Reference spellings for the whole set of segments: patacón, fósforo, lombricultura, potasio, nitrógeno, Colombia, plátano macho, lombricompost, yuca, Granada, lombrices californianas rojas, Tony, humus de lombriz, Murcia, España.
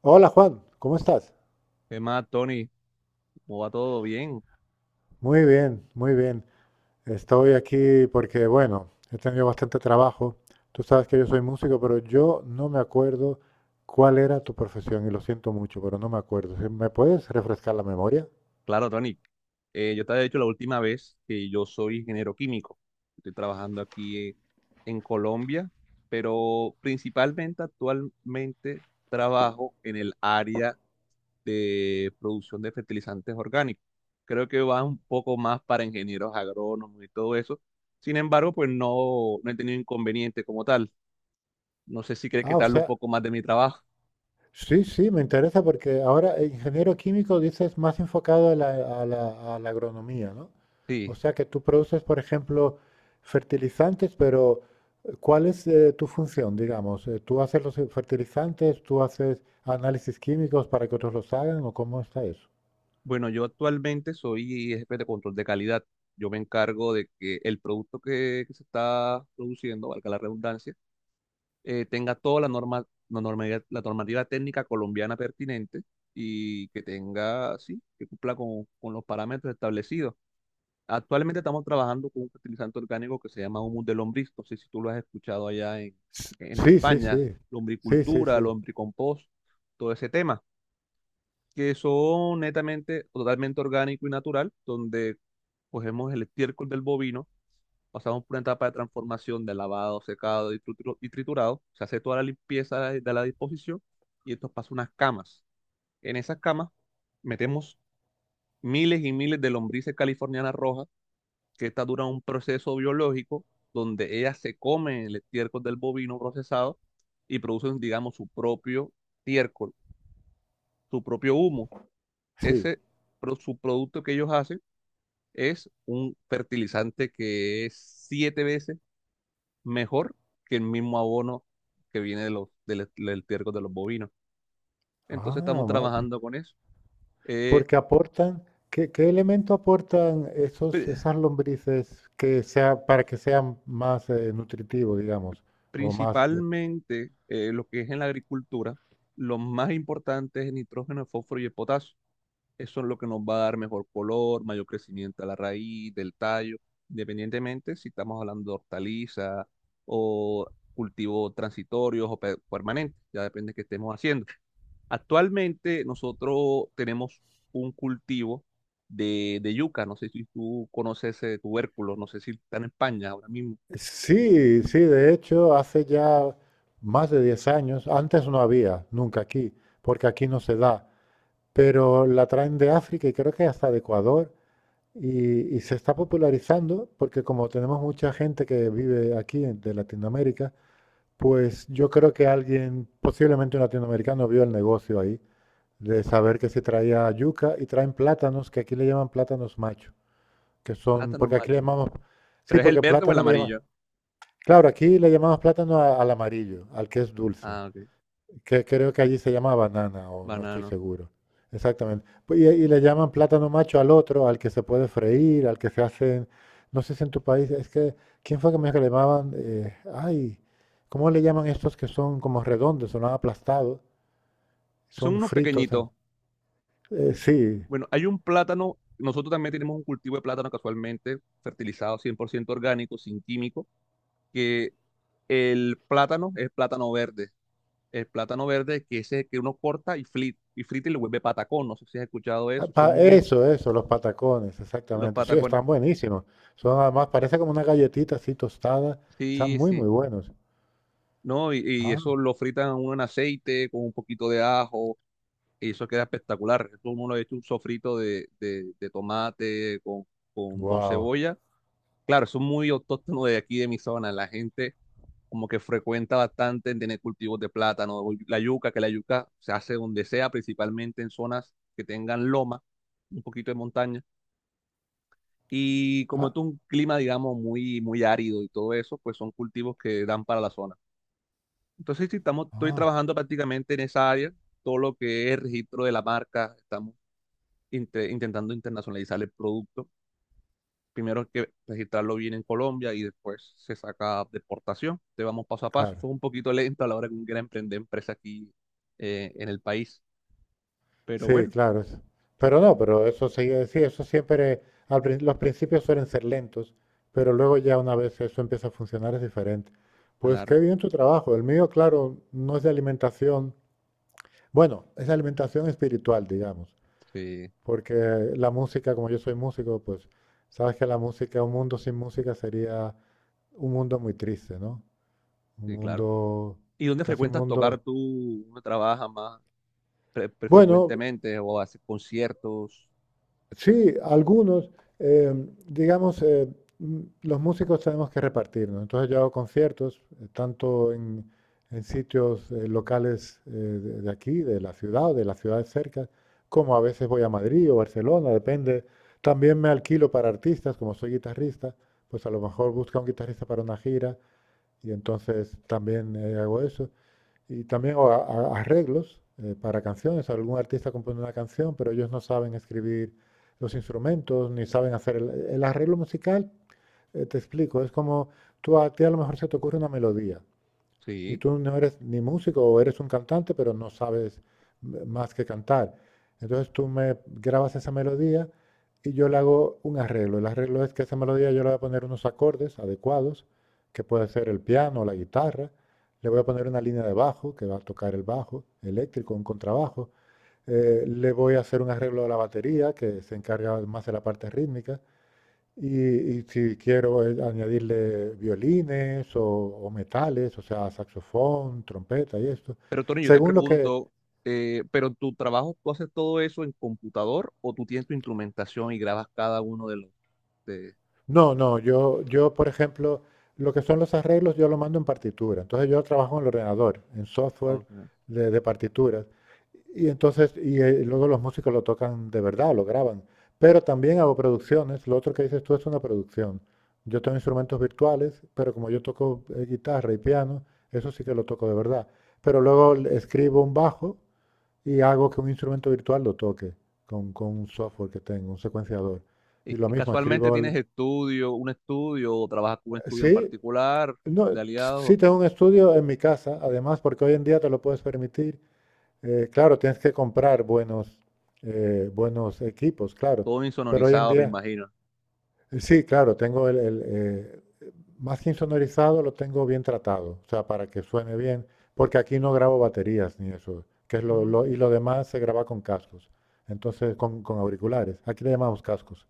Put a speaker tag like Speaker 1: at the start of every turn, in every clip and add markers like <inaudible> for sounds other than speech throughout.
Speaker 1: Hola Juan, ¿cómo estás?
Speaker 2: ¿Qué más, Tony? ¿Cómo va todo bien?
Speaker 1: Muy bien, muy bien. Estoy aquí porque, bueno, he tenido bastante trabajo. Tú sabes que yo soy músico, pero yo no me acuerdo cuál era tu profesión y lo siento mucho, pero no me acuerdo. ¿Me puedes refrescar la memoria?
Speaker 2: Claro, Tony. Yo te había dicho la última vez que yo soy ingeniero químico. Estoy trabajando aquí en Colombia, pero principalmente actualmente trabajo en el área de producción de fertilizantes orgánicos. Creo que va un poco más para ingenieros agrónomos y todo eso. Sin embargo, pues no he tenido inconveniente como tal. No sé si crees que
Speaker 1: Ah,
Speaker 2: te
Speaker 1: o
Speaker 2: hablo un
Speaker 1: sea,
Speaker 2: poco más de mi trabajo.
Speaker 1: sí, sí, me interesa porque ahora ingeniero químico dices más enfocado a la agronomía, ¿no? O
Speaker 2: Sí.
Speaker 1: sea que tú produces, por ejemplo, fertilizantes, pero ¿cuál es tu función, digamos? ¿Tú haces los fertilizantes, tú haces análisis químicos para que otros los hagan o cómo está eso?
Speaker 2: Bueno, yo actualmente soy jefe de control de calidad. Yo me encargo de que el producto que se está produciendo, valga la redundancia, tenga toda la norma, la normativa técnica colombiana pertinente y que tenga, sí, que cumpla con los parámetros establecidos. Actualmente estamos trabajando con un fertilizante orgánico que se llama humus de lombriz. No sé si tú lo has escuchado allá en
Speaker 1: Sí, sí,
Speaker 2: España,
Speaker 1: sí. Sí, sí,
Speaker 2: lombricultura,
Speaker 1: sí.
Speaker 2: lombricompost, todo ese tema que son netamente o totalmente orgánico y natural, donde cogemos el estiércol del bovino, pasamos por una etapa de transformación de lavado, secado y, y triturado, se hace toda la limpieza de la disposición y esto pasa a unas camas. En esas camas metemos miles y miles de lombrices californianas rojas, que estas duran un proceso biológico donde ellas se comen el estiércol del bovino procesado y producen, digamos, su propio estiércol, su propio humo.
Speaker 1: Sí.
Speaker 2: Ese subproducto que ellos hacen es un fertilizante que es siete veces mejor que el mismo abono que viene de los, del, e, del estiércol de los bovinos. Entonces estamos
Speaker 1: Ah, ma- p-
Speaker 2: trabajando con eso. Eh,
Speaker 1: porque aportan, ¿qué elemento aportan
Speaker 2: pr-
Speaker 1: esas lombrices que sea, para que sean más nutritivos, digamos, o más
Speaker 2: Principalmente lo que es en la agricultura, lo más importante es el nitrógeno, el fósforo y el potasio. Eso es lo que nos va a dar mejor color, mayor crecimiento a la raíz, del tallo, independientemente si estamos hablando de hortaliza o cultivos transitorios o permanentes, ya depende de qué estemos haciendo. Actualmente nosotros tenemos un cultivo de yuca, no sé si tú conoces ese tubérculo, no sé si está en España ahora mismo,
Speaker 1: Sí, sí, de hecho, hace ya más de 10 años, antes no había, nunca aquí, porque aquí no se da, pero la traen de África y creo que hasta de Ecuador y se está popularizando porque como tenemos mucha gente que vive aquí de Latinoamérica, pues yo creo que alguien, posiblemente un latinoamericano, vio el negocio ahí de saber que se traía yuca y traen plátanos, que aquí le llaman plátanos macho, que son,
Speaker 2: plátano
Speaker 1: porque aquí le
Speaker 2: macho,
Speaker 1: llamamos, sí,
Speaker 2: pero es el
Speaker 1: porque
Speaker 2: verde o el
Speaker 1: plátano le llaman.
Speaker 2: amarillo.
Speaker 1: Claro, aquí le llamamos plátano al amarillo, al que es dulce,
Speaker 2: Ah, ok,
Speaker 1: que creo que allí se llama banana o no estoy
Speaker 2: banano.
Speaker 1: seguro. Exactamente. Pues, y le llaman plátano macho al otro, al que se puede freír, al que se hacen, no sé si en tu país, es que, ¿quién fue que me dijo que le llamaban? Ay, ¿cómo le llaman estos que son como redondos, son aplastados,
Speaker 2: Son
Speaker 1: son
Speaker 2: unos
Speaker 1: fritos en...
Speaker 2: pequeñitos.
Speaker 1: sí,
Speaker 2: Bueno, hay un plátano, nosotros también tenemos un cultivo de plátano casualmente fertilizado 100% orgánico, sin químico, que el plátano es plátano verde, el plátano verde que ese que uno corta y frita y frita y le vuelve patacón, no sé si has escuchado eso, son muy
Speaker 1: eso, eso, los patacones,
Speaker 2: los
Speaker 1: exactamente. Sí,
Speaker 2: patacones.
Speaker 1: están buenísimos. Son además, parece como una galletita así tostada, están
Speaker 2: Sí,
Speaker 1: muy, muy
Speaker 2: sí.
Speaker 1: buenos.
Speaker 2: No, y
Speaker 1: Ah.
Speaker 2: eso lo fritan uno en aceite con un poquito de ajo y eso queda espectacular. Eso uno lo ha hecho un sofrito de tomate con, con
Speaker 1: Wow.
Speaker 2: cebolla. Claro, eso es muy autóctono de aquí, de mi zona. La gente como que frecuenta bastante en tener cultivos de plátano, o la yuca, que la yuca se hace donde sea, principalmente en zonas que tengan loma, un poquito de montaña. Y como
Speaker 1: Ah,
Speaker 2: es un clima, digamos, muy árido y todo eso, pues son cultivos que dan para la zona. Entonces, sí, estamos, estoy
Speaker 1: ah,
Speaker 2: trabajando prácticamente en esa área, todo lo que es registro de la marca, estamos intentando internacionalizar el producto. Primero hay que registrarlo bien en Colombia y después se saca deportación. Te vamos paso a paso.
Speaker 1: claro.
Speaker 2: Eso es un poquito lento a la hora que uno quiera emprender empresa aquí en el país. Pero
Speaker 1: Sí,
Speaker 2: bueno,
Speaker 1: claro. Pero no, pero eso sigue, sí, eso siempre, los principios suelen ser lentos, pero luego ya una vez eso empieza a funcionar es diferente. Pues qué
Speaker 2: claro,
Speaker 1: bien tu trabajo. El mío, claro, no es de alimentación. Bueno, es de alimentación espiritual, digamos,
Speaker 2: sí,
Speaker 1: porque la música, como yo soy músico, pues sabes que la música, un mundo sin música sería un mundo muy triste, ¿no? Un
Speaker 2: sí, claro.
Speaker 1: mundo,
Speaker 2: ¿Y dónde
Speaker 1: casi un
Speaker 2: frecuentas tocar
Speaker 1: mundo.
Speaker 2: tú? ¿Dónde trabajas más
Speaker 1: Bueno,
Speaker 2: frecuentemente o haces conciertos?
Speaker 1: sí, algunos, eh, digamos, los músicos tenemos que repartirnos. Entonces yo hago conciertos, tanto en sitios locales de aquí, de la ciudad o de las ciudades cerca, como a veces voy a Madrid o Barcelona, depende. También me alquilo para artistas, como soy guitarrista, pues a lo mejor busca un guitarrista para una gira y entonces también hago eso. Y también o arreglos para canciones. Algún artista compone una canción, pero ellos no saben escribir los instrumentos, ni saben hacer el arreglo musical. Te explico, es como tú a ti a lo mejor se te ocurre una melodía y
Speaker 2: Sí.
Speaker 1: tú no eres ni músico o eres un cantante, pero no sabes más que cantar. Entonces tú me grabas esa melodía y yo le hago un arreglo. El arreglo es que esa melodía yo le voy a poner unos acordes adecuados, que puede ser el piano o la guitarra. Le voy a poner una línea de bajo, que va a tocar el bajo eléctrico, un contrabajo. Le voy a hacer un arreglo de la batería, que se encarga más de la parte rítmica. Y, y si quiero añadirle violines o metales, o sea, saxofón, trompeta y esto,
Speaker 2: Pero Tony, yo te
Speaker 1: según lo que,
Speaker 2: pregunto, ¿pero tu trabajo tú haces todo eso en computador o tú tienes tu instrumentación y grabas cada uno de los... De...
Speaker 1: No, no, yo, por ejemplo, lo que son los arreglos yo lo mando en partitura. Entonces yo trabajo en el ordenador, en software
Speaker 2: Ok.
Speaker 1: de partituras. Y entonces, y luego los músicos lo tocan de verdad, lo graban. Pero también hago producciones. Lo otro que dices tú es una producción. Yo tengo instrumentos virtuales, pero como yo toco guitarra y piano, eso sí que lo toco de verdad. Pero luego escribo un bajo y hago que un instrumento virtual lo toque con un software que tengo, un secuenciador. Y lo
Speaker 2: Y
Speaker 1: mismo,
Speaker 2: casualmente
Speaker 1: escribo
Speaker 2: tienes estudio, un estudio, o trabajas con un estudio en
Speaker 1: sí,
Speaker 2: particular
Speaker 1: no,
Speaker 2: de aliados,
Speaker 1: sí tengo un estudio en mi casa, además, porque hoy en día te lo puedes permitir. Claro, tienes que comprar buenos, buenos equipos, claro.
Speaker 2: todo
Speaker 1: Pero hoy en
Speaker 2: insonorizado, me
Speaker 1: día,
Speaker 2: imagino.
Speaker 1: sí, claro, tengo más que insonorizado, lo tengo bien tratado, o sea, para que suene bien, porque aquí no grabo baterías ni eso, que es lo,
Speaker 2: Ujú.
Speaker 1: y lo demás se graba con cascos, entonces con auriculares. Aquí le llamamos cascos.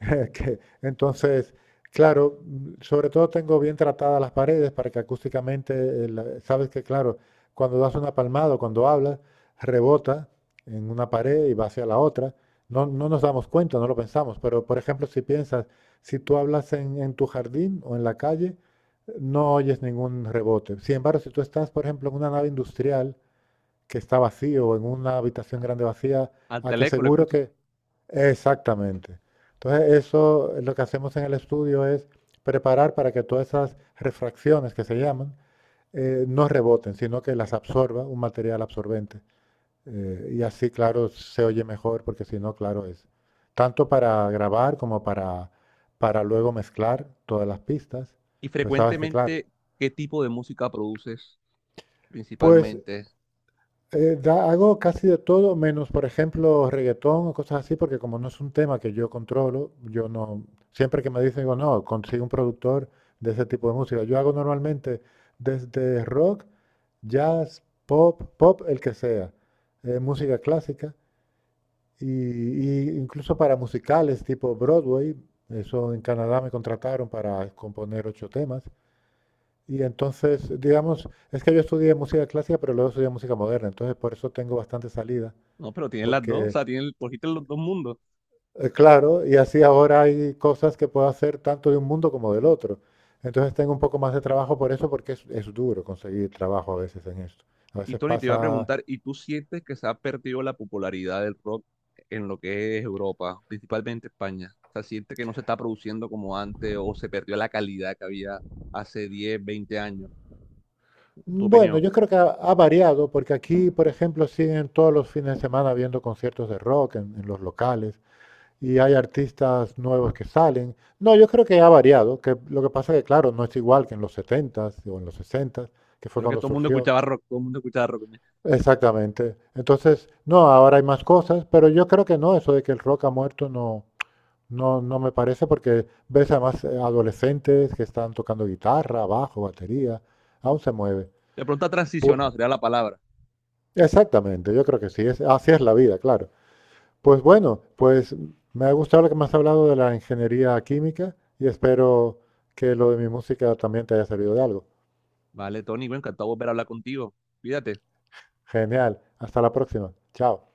Speaker 1: <laughs> Que, entonces, claro, sobre todo tengo bien tratadas las paredes para que acústicamente, sabes que, claro, cuando das una palmada o cuando hablas, rebota en una pared y va hacia la otra. No, no nos damos cuenta, no lo pensamos, pero por ejemplo, si piensas, si tú hablas en tu jardín o en la calle, no oyes ningún rebote. Sin embargo, si tú estás, por ejemplo, en una nave industrial, que está vacío, en una habitación grande vacía,
Speaker 2: Al
Speaker 1: a que
Speaker 2: teléfono lo
Speaker 1: seguro
Speaker 2: escuchas.
Speaker 1: que... Exactamente. Entonces, eso es lo que hacemos en el estudio es preparar para que todas esas refracciones que se llaman no reboten, sino que las absorba un material absorbente. Y así, claro, se oye mejor, porque si no, claro, es tanto para grabar como para luego mezclar todas las pistas.
Speaker 2: Y
Speaker 1: Pues sabes que, claro.
Speaker 2: frecuentemente, ¿qué tipo de música produces
Speaker 1: Pues
Speaker 2: principalmente?
Speaker 1: Hago casi de todo, menos, por ejemplo, reggaetón o cosas así, porque como no es un tema que yo controlo, yo no, siempre que me dicen, digo, no, consigo un productor de ese tipo de música. Yo hago normalmente desde rock, jazz, pop, pop, el que sea, música clásica, y incluso para musicales tipo Broadway, eso en Canadá me contrataron para componer 8 temas. Y entonces, digamos, es que yo estudié música clásica, pero luego estudié música moderna, entonces por eso tengo bastante salida
Speaker 2: No, pero tienes las dos, o
Speaker 1: porque,
Speaker 2: sea, tienes, cogiste los dos mundos.
Speaker 1: claro, y así ahora hay cosas que puedo hacer tanto de un mundo como del otro. Entonces tengo un poco más de trabajo por eso, porque es duro conseguir trabajo a veces en esto. A
Speaker 2: Y
Speaker 1: veces
Speaker 2: Tony, te iba a
Speaker 1: pasa...
Speaker 2: preguntar, ¿y tú sientes que se ha perdido la popularidad del rock en lo que es Europa, principalmente España? O sea, ¿sientes que no se está produciendo como antes o se perdió la calidad que había hace 10, 20 años? ¿Tu
Speaker 1: Bueno,
Speaker 2: opinión?
Speaker 1: yo creo que ha variado, porque aquí, por ejemplo, siguen todos los fines de semana viendo conciertos de rock en los locales y hay artistas nuevos que salen. No, yo creo que ha variado, que lo que pasa es que, claro, no es igual que en los 70 o en los 60 que fue
Speaker 2: Creo que
Speaker 1: cuando
Speaker 2: todo el mundo
Speaker 1: surgió.
Speaker 2: escuchaba rock, todo el mundo escuchaba rock.
Speaker 1: Exactamente. Entonces, no, ahora hay más cosas, pero yo creo que no, eso de que el rock ha muerto no, no, no me parece, porque ves además adolescentes que están tocando guitarra, bajo, batería, aún se mueve.
Speaker 2: De pronto ha
Speaker 1: Pu-
Speaker 2: transicionado, sería la palabra.
Speaker 1: exactamente, yo creo que sí, es, así es la vida, claro. Pues bueno, pues me ha gustado lo que me has hablado de la ingeniería química y espero que lo de mi música también te haya servido de algo.
Speaker 2: Vale, Tony, bueno, encantado de volver a hablar contigo. Cuídate.
Speaker 1: Genial, hasta la próxima. Chao.